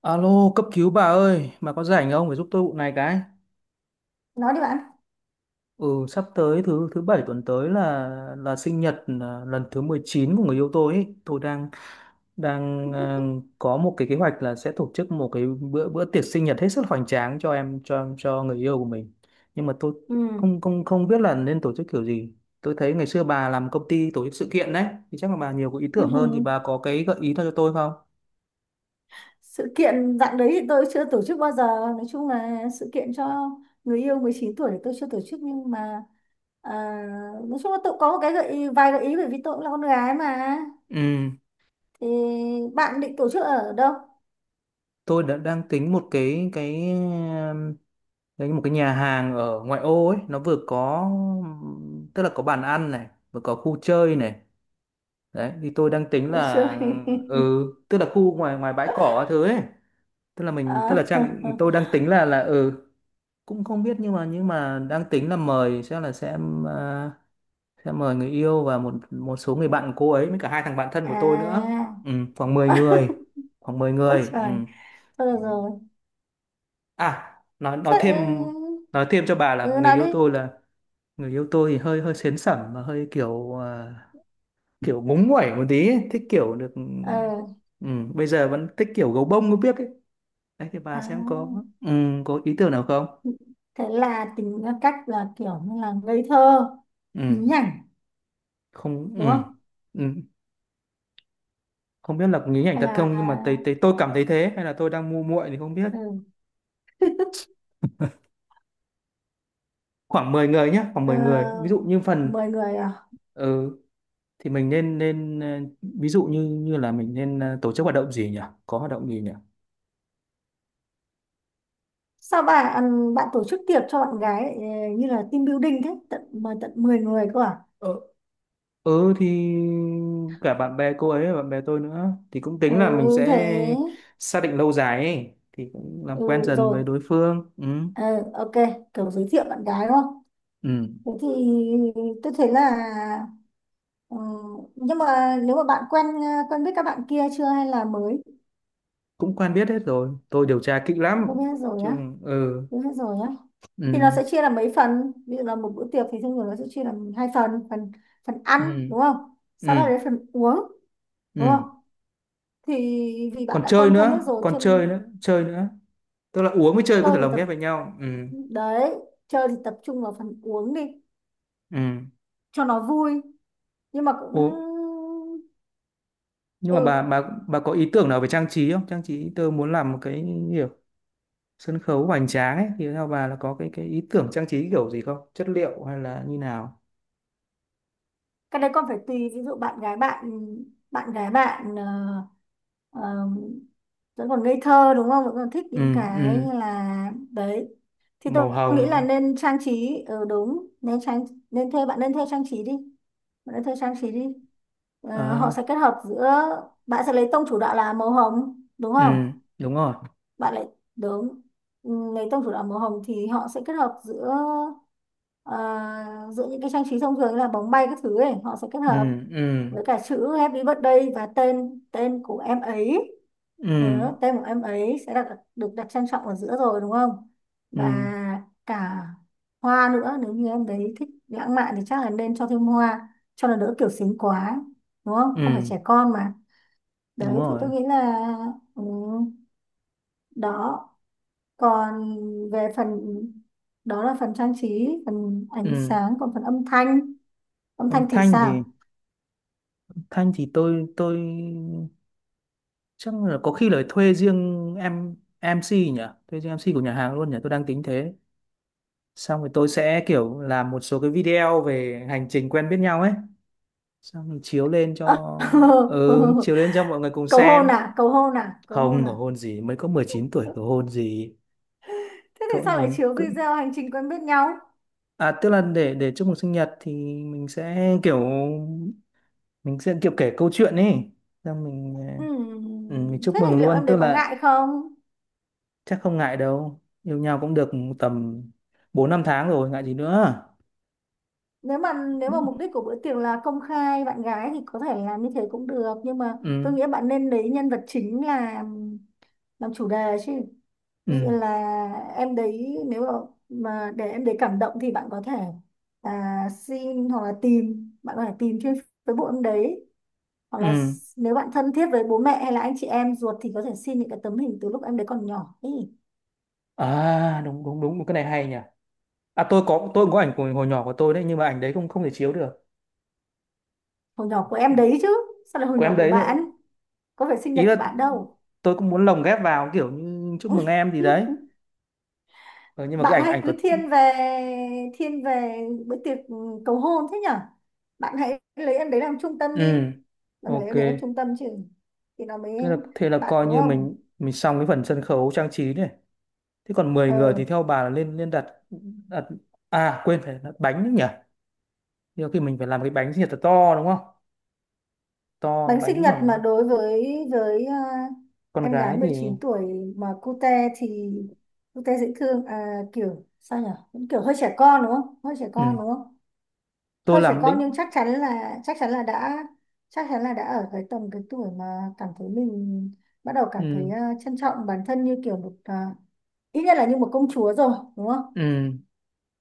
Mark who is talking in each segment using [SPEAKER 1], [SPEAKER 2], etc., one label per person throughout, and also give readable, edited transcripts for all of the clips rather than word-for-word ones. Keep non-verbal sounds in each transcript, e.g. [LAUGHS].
[SPEAKER 1] Alo, cấp cứu bà ơi, bà có rảnh không? Phải giúp tôi vụ này cái.
[SPEAKER 2] Nói đi bạn.
[SPEAKER 1] Ừ, sắp tới thứ thứ bảy tuần tới là sinh nhật lần thứ 19 của người yêu tôi ấy. Tôi đang đang à,
[SPEAKER 2] [LAUGHS]
[SPEAKER 1] có một cái kế hoạch là sẽ tổ chức một cái bữa bữa tiệc sinh nhật hết sức hoành tráng cho người yêu của mình. Nhưng mà tôi
[SPEAKER 2] Ừ.
[SPEAKER 1] không không không biết là nên tổ chức kiểu gì. Tôi thấy ngày xưa bà làm công ty tổ chức sự kiện đấy, thì chắc là bà nhiều có ý
[SPEAKER 2] Ừ.
[SPEAKER 1] tưởng hơn, thì bà có cái gợi ý nào cho tôi không?
[SPEAKER 2] Sự kiện dạng đấy thì tôi chưa tổ chức bao giờ. Nói chung là sự kiện cho người yêu 19 tuổi thì tôi chưa tổ chức nhưng mà à, nói chung là tôi có một cái gợi ý, vài gợi ý, bởi vì tôi cũng là con gái mà.
[SPEAKER 1] Ừ,
[SPEAKER 2] Thì bạn định tổ chức ở đâu?
[SPEAKER 1] tôi đã đang tính một cái đấy, một cái nhà hàng ở ngoại ô ấy, nó vừa có, tức là có bàn ăn này, vừa có khu chơi này, đấy thì tôi đang tính
[SPEAKER 2] Vui
[SPEAKER 1] là
[SPEAKER 2] chơi.
[SPEAKER 1] ừ, tức là khu ngoài ngoài bãi cỏ
[SPEAKER 2] [LAUGHS]
[SPEAKER 1] các thứ ấy, tức là mình, tức là
[SPEAKER 2] à,
[SPEAKER 1] trang, tôi đang tính là cũng không biết, nhưng mà đang tính là mời sẽ là sẽ à, sẽ mời người yêu và một một số người bạn của cô ấy với cả hai thằng bạn thân của tôi nữa.
[SPEAKER 2] à.
[SPEAKER 1] Ừ, khoảng 10 người,
[SPEAKER 2] [LAUGHS]
[SPEAKER 1] khoảng 10
[SPEAKER 2] Ôi
[SPEAKER 1] người ừ.
[SPEAKER 2] trời, thôi được
[SPEAKER 1] Ừ.
[SPEAKER 2] rồi.
[SPEAKER 1] À, nói thêm,
[SPEAKER 2] Thế,
[SPEAKER 1] nói thêm cho bà
[SPEAKER 2] ừ,
[SPEAKER 1] là
[SPEAKER 2] nói đi.
[SPEAKER 1] người yêu tôi thì hơi hơi sến sẩm, mà hơi kiểu kiểu ngúng nguẩy một tí ấy. Thích kiểu được,
[SPEAKER 2] ờ
[SPEAKER 1] ừ, bây giờ vẫn thích kiểu gấu bông có biết ấy, đấy thì bà
[SPEAKER 2] à.
[SPEAKER 1] xem có, ừ, có ý tưởng nào không?
[SPEAKER 2] Thế là tính ra cách là kiểu như là ngây thơ, nhí
[SPEAKER 1] Ừ,
[SPEAKER 2] nhảnh
[SPEAKER 1] không,
[SPEAKER 2] đúng
[SPEAKER 1] ừ,
[SPEAKER 2] không?
[SPEAKER 1] ừ, không biết là có nghĩ ảnh
[SPEAKER 2] Hay
[SPEAKER 1] thật không, nhưng mà thấy,
[SPEAKER 2] là
[SPEAKER 1] thấy tôi cảm thấy thế, hay là tôi đang ngu muội thì không biết.
[SPEAKER 2] ừ,
[SPEAKER 1] Khoảng 10 người nhé, khoảng
[SPEAKER 2] ờ,
[SPEAKER 1] 10 người, ví dụ như phần,
[SPEAKER 2] mời người à?
[SPEAKER 1] ừ, thì mình nên nên ờ, ví dụ như như là mình nên tổ chức hoạt động gì nhỉ, có hoạt động gì nhỉ.
[SPEAKER 2] Sao bạn tổ chức tiệc cho bạn gái như là team building thế, tận mời tận 10 người cơ à?
[SPEAKER 1] Ừ thì cả bạn bè cô ấy và bạn bè tôi nữa, thì cũng
[SPEAKER 2] Ừ,
[SPEAKER 1] tính là mình sẽ
[SPEAKER 2] thế,
[SPEAKER 1] xác định lâu dài ấy. Thì cũng làm quen
[SPEAKER 2] ừ,
[SPEAKER 1] dần
[SPEAKER 2] rồi.
[SPEAKER 1] với đối phương, ừ.
[SPEAKER 2] Ờ, ok, kiểu giới thiệu bạn gái đúng không?
[SPEAKER 1] Ừ.
[SPEAKER 2] Thế thì tôi thấy là, ừ, nhưng mà nếu mà bạn quen, quen biết các bạn kia chưa hay là mới.
[SPEAKER 1] Cũng quen biết hết rồi, tôi điều tra kỹ
[SPEAKER 2] Quen
[SPEAKER 1] lắm
[SPEAKER 2] biết hết rồi
[SPEAKER 1] chứ,
[SPEAKER 2] nhá,
[SPEAKER 1] ừ.
[SPEAKER 2] quen biết hết rồi nhá. Thì nó
[SPEAKER 1] Ừ.
[SPEAKER 2] sẽ chia làm mấy phần, ví dụ là một bữa tiệc thì thông thường nó sẽ chia làm hai phần, phần ăn
[SPEAKER 1] Ừ.
[SPEAKER 2] đúng không, sau đó
[SPEAKER 1] Ừ.
[SPEAKER 2] đến phần uống đúng
[SPEAKER 1] Ừ.
[SPEAKER 2] không. Thì vì bạn
[SPEAKER 1] Còn
[SPEAKER 2] đã
[SPEAKER 1] chơi
[SPEAKER 2] quen thân
[SPEAKER 1] nữa,
[SPEAKER 2] hết rồi
[SPEAKER 1] còn chơi
[SPEAKER 2] chuyện,
[SPEAKER 1] nữa, chơi nữa, tức là uống với chơi có
[SPEAKER 2] chơi
[SPEAKER 1] thể
[SPEAKER 2] thì
[SPEAKER 1] lồng
[SPEAKER 2] tập
[SPEAKER 1] ghép với nhau, ừ.
[SPEAKER 2] đấy, chơi thì tập trung vào phần uống đi
[SPEAKER 1] Ừ.
[SPEAKER 2] cho nó vui, nhưng mà cũng
[SPEAKER 1] Ồ, nhưng
[SPEAKER 2] ừ
[SPEAKER 1] mà bà có ý tưởng nào về trang trí không? Trang trí tôi muốn làm một cái kiểu sân khấu hoành tráng ấy, thì theo bà là có cái ý tưởng trang trí kiểu gì không, chất liệu hay là như nào?
[SPEAKER 2] cái đấy con phải tùy. Ví dụ bạn gái bạn, bạn gái bạn ờ, Ờ, vẫn còn ngây thơ đúng không, vẫn còn thích
[SPEAKER 1] Ừ,
[SPEAKER 2] những
[SPEAKER 1] ừ,
[SPEAKER 2] cái như là đấy, thì tôi
[SPEAKER 1] màu
[SPEAKER 2] nghĩ là
[SPEAKER 1] hồng,
[SPEAKER 2] nên trang trí, đúng, nên thuê trang trí đi. Bạn nên thuê trang trí đi. Ờ, họ
[SPEAKER 1] ờ,
[SPEAKER 2] sẽ kết hợp giữa, bạn sẽ lấy tông chủ đạo là màu hồng đúng
[SPEAKER 1] ừ,
[SPEAKER 2] không?
[SPEAKER 1] đúng rồi,
[SPEAKER 2] Bạn lại Đúng. Ừ, lấy tông chủ đạo màu hồng thì họ sẽ kết hợp giữa, ờ, giữa những cái trang trí thông thường như là bóng bay các thứ ấy, họ sẽ kết
[SPEAKER 1] ừ,
[SPEAKER 2] hợp
[SPEAKER 1] ừ,
[SPEAKER 2] với cả chữ Happy Birthday và tên tên của em ấy.
[SPEAKER 1] ừ,
[SPEAKER 2] Đó, tên của em ấy sẽ đặt, được đặt trang trọng ở giữa rồi đúng không,
[SPEAKER 1] ừ,
[SPEAKER 2] và cả hoa nữa, nếu như em đấy thích lãng mạn thì chắc là nên cho thêm hoa cho nó đỡ kiểu xính quá, đúng không, không phải
[SPEAKER 1] ừ,
[SPEAKER 2] trẻ con mà.
[SPEAKER 1] đúng
[SPEAKER 2] Đấy thì
[SPEAKER 1] rồi,
[SPEAKER 2] tôi nghĩ là, ừ, đó, còn về phần, đó là phần trang trí, phần ánh
[SPEAKER 1] ừ,
[SPEAKER 2] sáng, còn phần âm thanh, âm
[SPEAKER 1] âm
[SPEAKER 2] thanh thì
[SPEAKER 1] thanh thì,
[SPEAKER 2] sao?
[SPEAKER 1] thanh thì tôi chắc là có khi là thuê riêng em MC nhỉ, thuê riêng em MC của nhà hàng luôn nhỉ, tôi đang tính thế, xong rồi tôi sẽ kiểu làm một số cái video về hành trình quen biết nhau ấy, xong mình chiếu lên cho, ừ, chiếu
[SPEAKER 2] [LAUGHS]
[SPEAKER 1] lên cho mọi người cùng
[SPEAKER 2] Cầu hôn
[SPEAKER 1] xem.
[SPEAKER 2] à, cầu hôn à, cầu hôn
[SPEAKER 1] Không
[SPEAKER 2] à?
[SPEAKER 1] cầu hôn gì, mới có 19 tuổi
[SPEAKER 2] Ừ,
[SPEAKER 1] cầu hôn gì.
[SPEAKER 2] thế thì
[SPEAKER 1] Thôi
[SPEAKER 2] sao lại
[SPEAKER 1] mình
[SPEAKER 2] chiếu
[SPEAKER 1] cứ,
[SPEAKER 2] video hành trình quen biết nhau?
[SPEAKER 1] à tức là để chúc mừng sinh nhật thì mình sẽ kiểu, mình sẽ kiểu kể câu chuyện ấy, xong ừ, mình chúc
[SPEAKER 2] Thế thì
[SPEAKER 1] mừng
[SPEAKER 2] liệu
[SPEAKER 1] luôn,
[SPEAKER 2] em
[SPEAKER 1] tức
[SPEAKER 2] đấy có
[SPEAKER 1] là
[SPEAKER 2] ngại không?
[SPEAKER 1] chắc không ngại đâu, yêu nhau cũng được tầm bốn năm tháng rồi ngại gì nữa.
[SPEAKER 2] Nếu mà, mục đích của bữa tiệc là công khai bạn gái thì có thể làm như thế cũng được, nhưng mà tôi
[SPEAKER 1] Ừ,
[SPEAKER 2] nghĩ bạn nên lấy nhân vật chính làm chủ đề chứ. Ví
[SPEAKER 1] ừ,
[SPEAKER 2] dụ như là em đấy nếu mà, để em đấy cảm động thì bạn có thể xin hoặc là tìm, bạn có thể tìm trên Facebook em đấy, hoặc là
[SPEAKER 1] ừ,
[SPEAKER 2] nếu bạn thân thiết với bố mẹ hay là anh chị em ruột thì có thể xin những cái tấm hình từ lúc em đấy còn nhỏ ý.
[SPEAKER 1] à đúng đúng đúng, cái này hay nhỉ. À, tôi cũng có ảnh của hồi nhỏ của tôi đấy, nhưng mà ảnh đấy không, không thể chiếu được,
[SPEAKER 2] Hồi nhỏ của em đấy chứ, sao lại hồi
[SPEAKER 1] của
[SPEAKER 2] nhỏ
[SPEAKER 1] em
[SPEAKER 2] của
[SPEAKER 1] đấy nữa,
[SPEAKER 2] bạn, có phải sinh
[SPEAKER 1] ý
[SPEAKER 2] nhật của
[SPEAKER 1] là
[SPEAKER 2] bạn đâu.
[SPEAKER 1] tôi cũng muốn lồng ghép vào kiểu như chúc mừng em
[SPEAKER 2] [LAUGHS]
[SPEAKER 1] gì đấy. Ờ, nhưng mà
[SPEAKER 2] Bạn
[SPEAKER 1] cái ảnh
[SPEAKER 2] hay
[SPEAKER 1] ảnh của,
[SPEAKER 2] cứ thiên về, thiên về bữa tiệc, ừ, cầu hôn thế nhở. Bạn hãy lấy em đấy làm trung tâm đi,
[SPEAKER 1] ừ,
[SPEAKER 2] bạn phải lấy
[SPEAKER 1] ok,
[SPEAKER 2] em đấy làm trung tâm chứ thì nó mới,
[SPEAKER 1] thế là, thế là
[SPEAKER 2] bạn
[SPEAKER 1] coi
[SPEAKER 2] đúng
[SPEAKER 1] như
[SPEAKER 2] không?
[SPEAKER 1] mình xong cái phần sân khấu trang trí này. Thế còn mười người
[SPEAKER 2] Ờ,
[SPEAKER 1] thì theo bà là lên lên đặt, đặt, à quên, phải đặt bánh nữa nhỉ, nhiều khi mình phải làm cái bánh gì thật to đúng không, to,
[SPEAKER 2] bánh sinh
[SPEAKER 1] bánh
[SPEAKER 2] nhật mà
[SPEAKER 1] khoảng,
[SPEAKER 2] đối với
[SPEAKER 1] con
[SPEAKER 2] em gái
[SPEAKER 1] gái thì,
[SPEAKER 2] 19 tuổi mà cute thì cute, dễ thương, kiểu sao nhỉ? Cũng kiểu hơi trẻ con đúng không, hơi trẻ
[SPEAKER 1] ừ.
[SPEAKER 2] con đúng không,
[SPEAKER 1] Tôi
[SPEAKER 2] hơi trẻ
[SPEAKER 1] làm
[SPEAKER 2] con nhưng
[SPEAKER 1] định,
[SPEAKER 2] chắc chắn là, đã ở cái tầm, cái tuổi mà cảm thấy mình bắt đầu cảm thấy,
[SPEAKER 1] ừ.
[SPEAKER 2] trân trọng bản thân như kiểu một, ít nhất là như một công chúa rồi đúng không.
[SPEAKER 1] Ừ.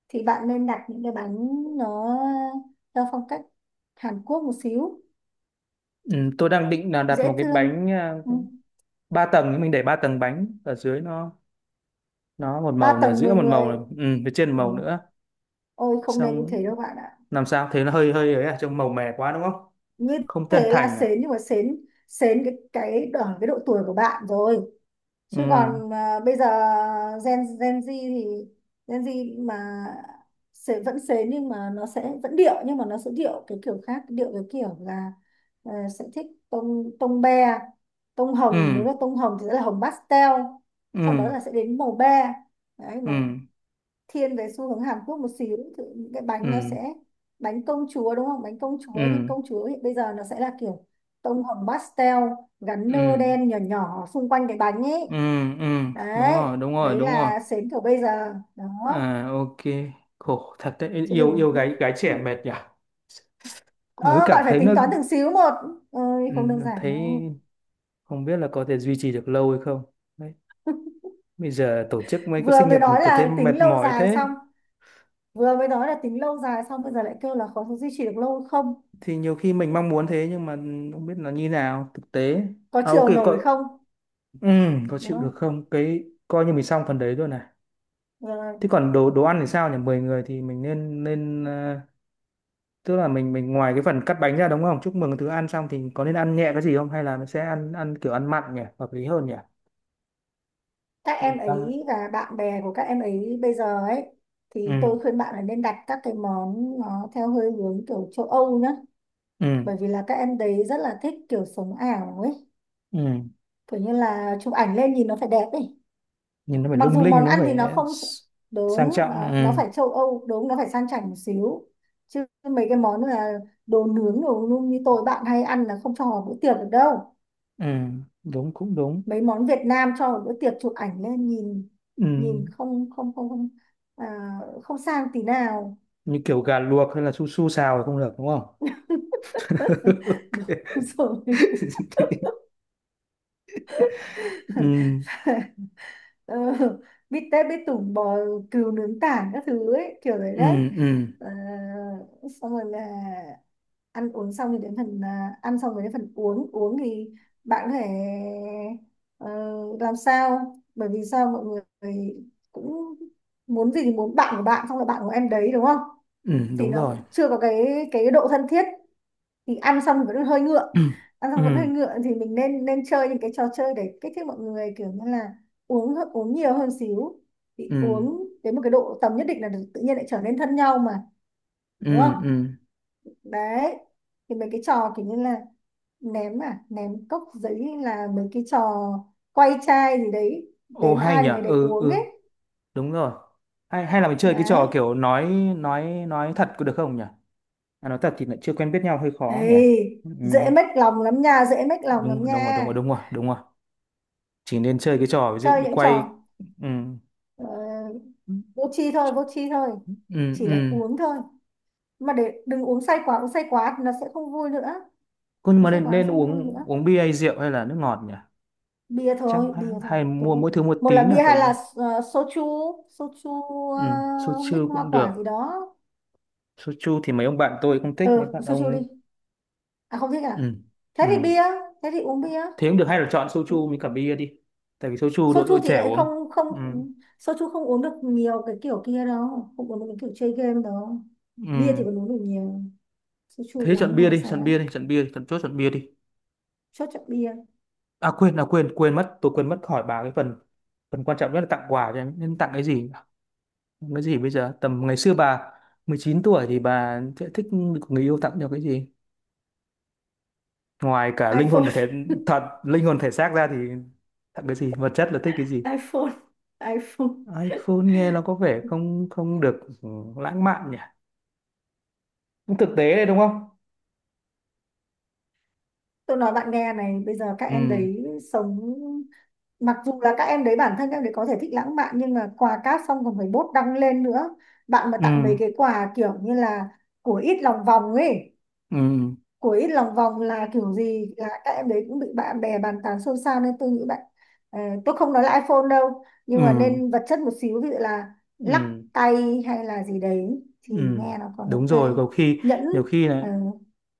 [SPEAKER 2] Thì bạn nên đặt những cái bánh nó theo phong cách Hàn Quốc một xíu,
[SPEAKER 1] Ừ. Tôi đang định là đặt một
[SPEAKER 2] dễ
[SPEAKER 1] cái
[SPEAKER 2] thương.
[SPEAKER 1] bánh
[SPEAKER 2] Ừ.
[SPEAKER 1] ba tầng, thì mình để ba tầng bánh, ở dưới nó một
[SPEAKER 2] ba
[SPEAKER 1] màu này, ở
[SPEAKER 2] tầng
[SPEAKER 1] giữa
[SPEAKER 2] mười
[SPEAKER 1] một màu
[SPEAKER 2] người
[SPEAKER 1] này, ừ, phía trên một
[SPEAKER 2] Ừ.
[SPEAKER 1] màu nữa,
[SPEAKER 2] Ôi, không nên như
[SPEAKER 1] xong,
[SPEAKER 2] thế đâu bạn ạ.
[SPEAKER 1] làm sao thế, nó hơi hơi ấy, à trông màu mè quá đúng không,
[SPEAKER 2] Như
[SPEAKER 1] không chân
[SPEAKER 2] thế là
[SPEAKER 1] thành à.
[SPEAKER 2] sến, nhưng mà sến, sến cái ở cái độ tuổi của bạn rồi.
[SPEAKER 1] Ừ,
[SPEAKER 2] Chứ còn bây giờ Gen Gen Z thì Gen Z mà sẽ vẫn sến nhưng mà nó sẽ vẫn điệu, nhưng mà nó sẽ điệu cái kiểu khác, điệu cái kiểu là, ờ, sẽ thích tông tông be, tông
[SPEAKER 1] ừ,
[SPEAKER 2] hồng, nếu là tông hồng thì sẽ là hồng pastel.
[SPEAKER 1] ừ,
[SPEAKER 2] Sau đó là sẽ đến màu be. Đấy,
[SPEAKER 1] ừ,
[SPEAKER 2] nó thiên về xu hướng Hàn Quốc một xíu thì những cái bánh nó
[SPEAKER 1] ừ,
[SPEAKER 2] sẽ, bánh công chúa đúng không, bánh công chúa nhưng
[SPEAKER 1] ừ,
[SPEAKER 2] công chúa hiện bây giờ nó sẽ là kiểu tông hồng pastel, gắn nơ
[SPEAKER 1] ừ,
[SPEAKER 2] đen nhỏ nhỏ xung quanh cái bánh ấy.
[SPEAKER 1] ừ, ừ, đúng
[SPEAKER 2] Đấy,
[SPEAKER 1] rồi, đúng rồi,
[SPEAKER 2] đấy
[SPEAKER 1] đúng rồi,
[SPEAKER 2] là sến kiểu bây giờ đó.
[SPEAKER 1] à ok, khổ thật đấy,
[SPEAKER 2] Chứ
[SPEAKER 1] yêu
[SPEAKER 2] đừng,
[SPEAKER 1] yêu gái gái trẻ mệt nhỉ, nếu
[SPEAKER 2] ờ,
[SPEAKER 1] cảm
[SPEAKER 2] bạn phải
[SPEAKER 1] thấy nó,
[SPEAKER 2] tính toán từng xíu một, ơi
[SPEAKER 1] ừ,
[SPEAKER 2] không đơn giản
[SPEAKER 1] thấy
[SPEAKER 2] đâu.
[SPEAKER 1] không biết là có thể duy trì được lâu hay không. Đấy, bây giờ tổ chức mấy cái
[SPEAKER 2] Vừa
[SPEAKER 1] sinh
[SPEAKER 2] mới
[SPEAKER 1] nhật mà
[SPEAKER 2] nói
[SPEAKER 1] tôi thấy
[SPEAKER 2] là
[SPEAKER 1] mệt
[SPEAKER 2] tính lâu
[SPEAKER 1] mỏi
[SPEAKER 2] dài
[SPEAKER 1] thế,
[SPEAKER 2] xong, vừa mới nói là tính lâu dài xong bây giờ lại kêu là có duy trì được lâu không.
[SPEAKER 1] thì nhiều khi mình mong muốn thế nhưng mà không biết là như nào thực tế.
[SPEAKER 2] Có
[SPEAKER 1] À ok
[SPEAKER 2] chiều
[SPEAKER 1] coi,
[SPEAKER 2] nổi không?
[SPEAKER 1] ừ, có
[SPEAKER 2] Đúng
[SPEAKER 1] chịu được
[SPEAKER 2] không?
[SPEAKER 1] không, cái coi như mình xong phần đấy rồi này.
[SPEAKER 2] Ờ,
[SPEAKER 1] Thế còn đồ đồ ăn thì sao nhỉ, 10 người thì mình nên nên ờ, tức là mình ngoài cái phần cắt bánh ra đúng không, chúc mừng thứ ăn xong thì có nên ăn nhẹ cái gì không, hay là mình sẽ ăn ăn kiểu ăn mặn nhỉ, hợp lý hơn nhỉ.
[SPEAKER 2] các em
[SPEAKER 1] Mình ăn-
[SPEAKER 2] ấy và bạn bè của các em ấy bây giờ ấy, thì
[SPEAKER 1] ừ,
[SPEAKER 2] tôi khuyên bạn là nên đặt các cái món nó theo hơi hướng kiểu châu Âu nhá.
[SPEAKER 1] ừ,
[SPEAKER 2] Bởi vì là các em đấy rất là thích kiểu sống ảo ấy,
[SPEAKER 1] ừ,
[SPEAKER 2] kiểu như là chụp ảnh lên nhìn nó phải đẹp ấy.
[SPEAKER 1] nhìn nó phải
[SPEAKER 2] Mặc
[SPEAKER 1] lung
[SPEAKER 2] dù
[SPEAKER 1] linh
[SPEAKER 2] món
[SPEAKER 1] nó
[SPEAKER 2] ăn
[SPEAKER 1] phải,
[SPEAKER 2] thì nó không
[SPEAKER 1] s- sang
[SPEAKER 2] đúng,
[SPEAKER 1] trọng,
[SPEAKER 2] nó
[SPEAKER 1] ừ,
[SPEAKER 2] phải châu Âu, đúng, nó phải sang chảnh một xíu. Chứ mấy cái món là đồ nướng đồ nung như tôi bạn hay ăn là không cho vào bữa tiệc được đâu.
[SPEAKER 1] ừ, đúng, cũng đúng.
[SPEAKER 2] Mấy món Việt Nam cho một bữa tiệc chụp ảnh lên nhìn,
[SPEAKER 1] Ừ,
[SPEAKER 2] nhìn không, không, không, không à, không sang tí nào.
[SPEAKER 1] như kiểu gà luộc hay là su su xào là không được đúng không?
[SPEAKER 2] [LAUGHS] Đúng
[SPEAKER 1] [LAUGHS]
[SPEAKER 2] rồi.
[SPEAKER 1] Ok.
[SPEAKER 2] [LAUGHS]
[SPEAKER 1] Ừ,
[SPEAKER 2] Ờ, bít tết bít tủng, bò cừu nướng tảng các thứ ấy, kiểu đấy
[SPEAKER 1] ừ,
[SPEAKER 2] đấy.
[SPEAKER 1] ừ,
[SPEAKER 2] Ờ, xong rồi là ăn uống xong thì đến phần, ăn xong rồi đến phần uống. Uống thì bạn có thể, ờ, làm sao, bởi vì sao mọi người cũng muốn gì thì muốn, bạn của bạn xong là bạn của em đấy đúng không,
[SPEAKER 1] ừ,
[SPEAKER 2] thì
[SPEAKER 1] đúng
[SPEAKER 2] nó
[SPEAKER 1] rồi.
[SPEAKER 2] cũng chưa có cái độ thân thiết, thì ăn xong vẫn hơi ngượng,
[SPEAKER 1] Ừ,
[SPEAKER 2] ăn xong vẫn hơi
[SPEAKER 1] ừ,
[SPEAKER 2] ngượng thì mình nên nên chơi những cái trò chơi để kích thích mọi người kiểu như là uống uống nhiều hơn xíu. Thì
[SPEAKER 1] ừ,
[SPEAKER 2] uống đến một cái độ tầm nhất định là tự nhiên lại trở nên thân nhau mà đúng không.
[SPEAKER 1] ừ. Ừ.
[SPEAKER 2] Đấy, thì mấy cái trò kiểu như là ném cốc giấy hay là mấy cái trò quay chai gì đấy,
[SPEAKER 1] Ô
[SPEAKER 2] đến
[SPEAKER 1] hay
[SPEAKER 2] ai
[SPEAKER 1] nhỉ?
[SPEAKER 2] thì người đấy
[SPEAKER 1] Ừ,
[SPEAKER 2] uống ấy.
[SPEAKER 1] ừ, đúng rồi. Hay, hay là mình chơi cái
[SPEAKER 2] Đấy.
[SPEAKER 1] trò kiểu nói nói thật có được không nhỉ? À, nói thật thì lại chưa quen biết nhau hơi khó nhỉ?
[SPEAKER 2] Ê,
[SPEAKER 1] Ừ,
[SPEAKER 2] dễ mách lòng lắm nha, dễ mách lòng
[SPEAKER 1] đúng
[SPEAKER 2] lắm
[SPEAKER 1] rồi,
[SPEAKER 2] nha.
[SPEAKER 1] đúng rồi, đúng rồi, đúng rồi, đúng rồi. Chỉ nên chơi cái trò ví dụ
[SPEAKER 2] Chơi
[SPEAKER 1] như
[SPEAKER 2] những
[SPEAKER 1] quay.
[SPEAKER 2] trò,
[SPEAKER 1] Ừ,
[SPEAKER 2] Ờ, vô tri thôi, vô tri thôi.
[SPEAKER 1] ừ,
[SPEAKER 2] Chỉ là
[SPEAKER 1] ừ.
[SPEAKER 2] uống thôi, mà để đừng uống say quá, uống say quá thì nó sẽ không vui nữa,
[SPEAKER 1] Cô, nhưng
[SPEAKER 2] uống
[SPEAKER 1] mà
[SPEAKER 2] say
[SPEAKER 1] nên,
[SPEAKER 2] quá nó
[SPEAKER 1] nên
[SPEAKER 2] sẽ không vui
[SPEAKER 1] uống,
[SPEAKER 2] nữa.
[SPEAKER 1] uống bia hay rượu hay là nước ngọt nhỉ?
[SPEAKER 2] Bia
[SPEAKER 1] Chắc
[SPEAKER 2] thôi,
[SPEAKER 1] hay,
[SPEAKER 2] bia thôi.
[SPEAKER 1] hay mua mỗi thứ một
[SPEAKER 2] Một là
[SPEAKER 1] tí nhỉ?
[SPEAKER 2] bia
[SPEAKER 1] Tại,
[SPEAKER 2] hay là, soju, soju,
[SPEAKER 1] ừ,
[SPEAKER 2] mix
[SPEAKER 1] soju
[SPEAKER 2] hoa
[SPEAKER 1] cũng
[SPEAKER 2] quả gì
[SPEAKER 1] được.
[SPEAKER 2] đó.
[SPEAKER 1] Soju thì mấy ông bạn tôi không thích,
[SPEAKER 2] Ừ,
[SPEAKER 1] mấy bạn
[SPEAKER 2] soju đi.
[SPEAKER 1] ông,
[SPEAKER 2] À, không thích à?
[SPEAKER 1] ừ,
[SPEAKER 2] Thế thì
[SPEAKER 1] ừ.
[SPEAKER 2] bia, thế thì uống bia.
[SPEAKER 1] Thế cũng được, hay là chọn soju với cả bia đi. Tại vì soju đội đội
[SPEAKER 2] Soju thì
[SPEAKER 1] trẻ
[SPEAKER 2] lại
[SPEAKER 1] uống.
[SPEAKER 2] không không,
[SPEAKER 1] Ừ,
[SPEAKER 2] soju không uống được nhiều cái kiểu kia đâu, không uống được cái kiểu chơi game đâu. Bia thì
[SPEAKER 1] ừ.
[SPEAKER 2] còn uống được nhiều, soju
[SPEAKER 1] Thế chọn
[SPEAKER 2] uống
[SPEAKER 1] bia
[SPEAKER 2] hay
[SPEAKER 1] đi,
[SPEAKER 2] say
[SPEAKER 1] chọn
[SPEAKER 2] lắm.
[SPEAKER 1] bia đi, chọn bia đi, chọn chốt chọn bia đi.
[SPEAKER 2] Chốt chọn bia.
[SPEAKER 1] À quên, quên mất, tôi quên mất hỏi bà cái phần phần quan trọng nhất là tặng quà cho em. Nên tặng cái gì? Tặng cái gì bây giờ? Tầm ngày xưa bà 19 tuổi thì bà sẽ thích người yêu tặng cho cái gì? Ngoài cả linh hồn và
[SPEAKER 2] iPhone.
[SPEAKER 1] thể, thật linh hồn thể xác ra thì, thật cái gì vật chất là thích cái gì,
[SPEAKER 2] [LAUGHS] iPhone. iPhone.
[SPEAKER 1] iPhone nghe nó có vẻ không không được, ừ, lãng mạn nhỉ, cũng thực tế đấy đúng không.
[SPEAKER 2] Tôi nói bạn nghe này, bây giờ các
[SPEAKER 1] Ừ,
[SPEAKER 2] em đấy sống, mặc dù là các em đấy bản thân các em đấy có thể thích lãng mạn, nhưng mà quà cáp xong còn phải bốt đăng lên nữa. Bạn mà
[SPEAKER 1] ừ,
[SPEAKER 2] tặng mấy cái quà kiểu như là của ít lòng vòng ấy,
[SPEAKER 1] ừ,
[SPEAKER 2] của ít lòng vòng là kiểu gì là các em đấy cũng bị bạn bè bàn tán xôn xao, nên tôi nghĩ bạn, ờ, tôi không nói là iPhone đâu,
[SPEAKER 1] ừ,
[SPEAKER 2] nhưng mà nên vật chất một xíu, ví dụ là lắc
[SPEAKER 1] ừ,
[SPEAKER 2] tay hay là gì đấy
[SPEAKER 1] ừ,
[SPEAKER 2] thì nghe nó còn
[SPEAKER 1] đúng
[SPEAKER 2] ok.
[SPEAKER 1] rồi, có khi
[SPEAKER 2] Nhẫn.
[SPEAKER 1] nhiều khi lại,
[SPEAKER 2] ờ,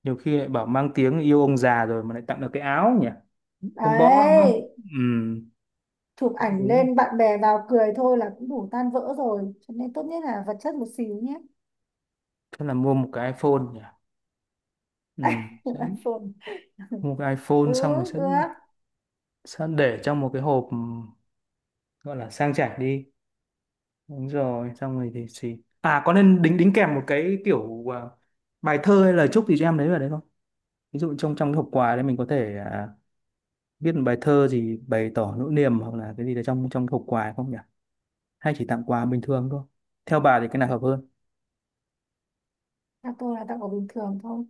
[SPEAKER 1] nhiều khi lại bảo mang tiếng yêu ông già rồi mà lại tặng được cái áo nhỉ, không bỏ đúng không,
[SPEAKER 2] Đấy,
[SPEAKER 1] ừ,
[SPEAKER 2] chụp ảnh
[SPEAKER 1] đúng.
[SPEAKER 2] lên bạn bè vào cười thôi là cũng đủ tan vỡ rồi, cho nên tốt nhất là vật chất một xíu nhé.
[SPEAKER 1] Thế là mua một cái iPhone nhỉ, ừ,
[SPEAKER 2] [LAUGHS]
[SPEAKER 1] sẽ
[SPEAKER 2] iPhone.
[SPEAKER 1] mua cái
[SPEAKER 2] Ừ,
[SPEAKER 1] iPhone xong rồi sẽ
[SPEAKER 2] được.
[SPEAKER 1] sẽ để trong một cái hộp, gọi là sang chảnh đi, đúng rồi, xong rồi thì xì, à có nên đính đính kèm một cái kiểu bài thơ hay lời chúc gì cho em đấy vào đấy không, ví dụ trong trong cái hộp quà đấy mình có thể viết một bài thơ gì bày tỏ nỗi niềm hoặc là cái gì đấy trong trong hộp quà không nhỉ, hay chỉ tặng quà bình thường thôi, theo bà thì cái nào hợp hơn?
[SPEAKER 2] Tặng tôi là tặng của bình thường thôi.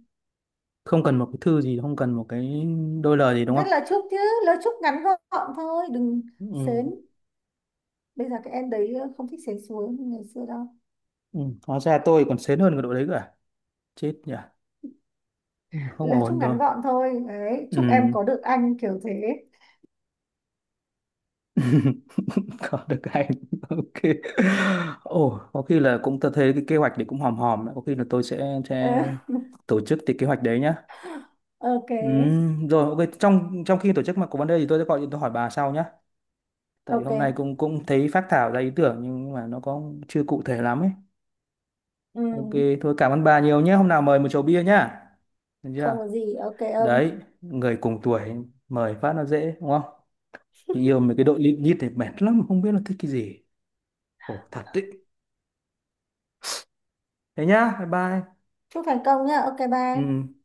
[SPEAKER 1] Không cần một cái thư gì, không cần một cái đôi lời gì đúng
[SPEAKER 2] Viết
[SPEAKER 1] không?
[SPEAKER 2] lời chúc chứ, lời chúc ngắn gọn thôi, đừng
[SPEAKER 1] Ừ,
[SPEAKER 2] sến, bây giờ các em đấy không thích sến xuống như ngày xưa đâu.
[SPEAKER 1] ừ. Hóa ra tôi còn sến hơn cái đội đấy cả, chết nhỉ, không
[SPEAKER 2] Lời chúc
[SPEAKER 1] ổn rồi.
[SPEAKER 2] ngắn gọn thôi, đấy, chúc em
[SPEAKER 1] Ừ.
[SPEAKER 2] có được anh kiểu thế.
[SPEAKER 1] [LAUGHS] Có được anh. [LAUGHS] Ok. Ồ có khi là cũng, tôi thấy cái kế hoạch đấy cũng hòm hòm đấy, có khi là tôi
[SPEAKER 2] Ờ,
[SPEAKER 1] sẽ tổ chức cái kế hoạch đấy nhá.
[SPEAKER 2] ok.
[SPEAKER 1] Rồi, ok, trong trong khi tổ chức mà có vấn đề thì tôi sẽ gọi điện, tôi hỏi bà sau nhá, tại hôm nay
[SPEAKER 2] Ok.
[SPEAKER 1] cũng cũng thấy phác thảo ra ý tưởng nhưng mà nó có chưa cụ thể lắm ấy.
[SPEAKER 2] Ừ,
[SPEAKER 1] Ok, thôi cảm ơn bà nhiều nhé, hôm nào mời một chầu bia nhá, được chưa?
[SPEAKER 2] không có gì, ok ông.
[SPEAKER 1] Đấy, người cùng tuổi mời phát nó dễ đúng không. Chị yêu mấy cái đội lịm nhít này mệt lắm, không biết nó thích cái gì, khổ thật đấy. Thế nhá, bye bye.
[SPEAKER 2] Chúc thành công nhá, ok bye.
[SPEAKER 1] Ừ.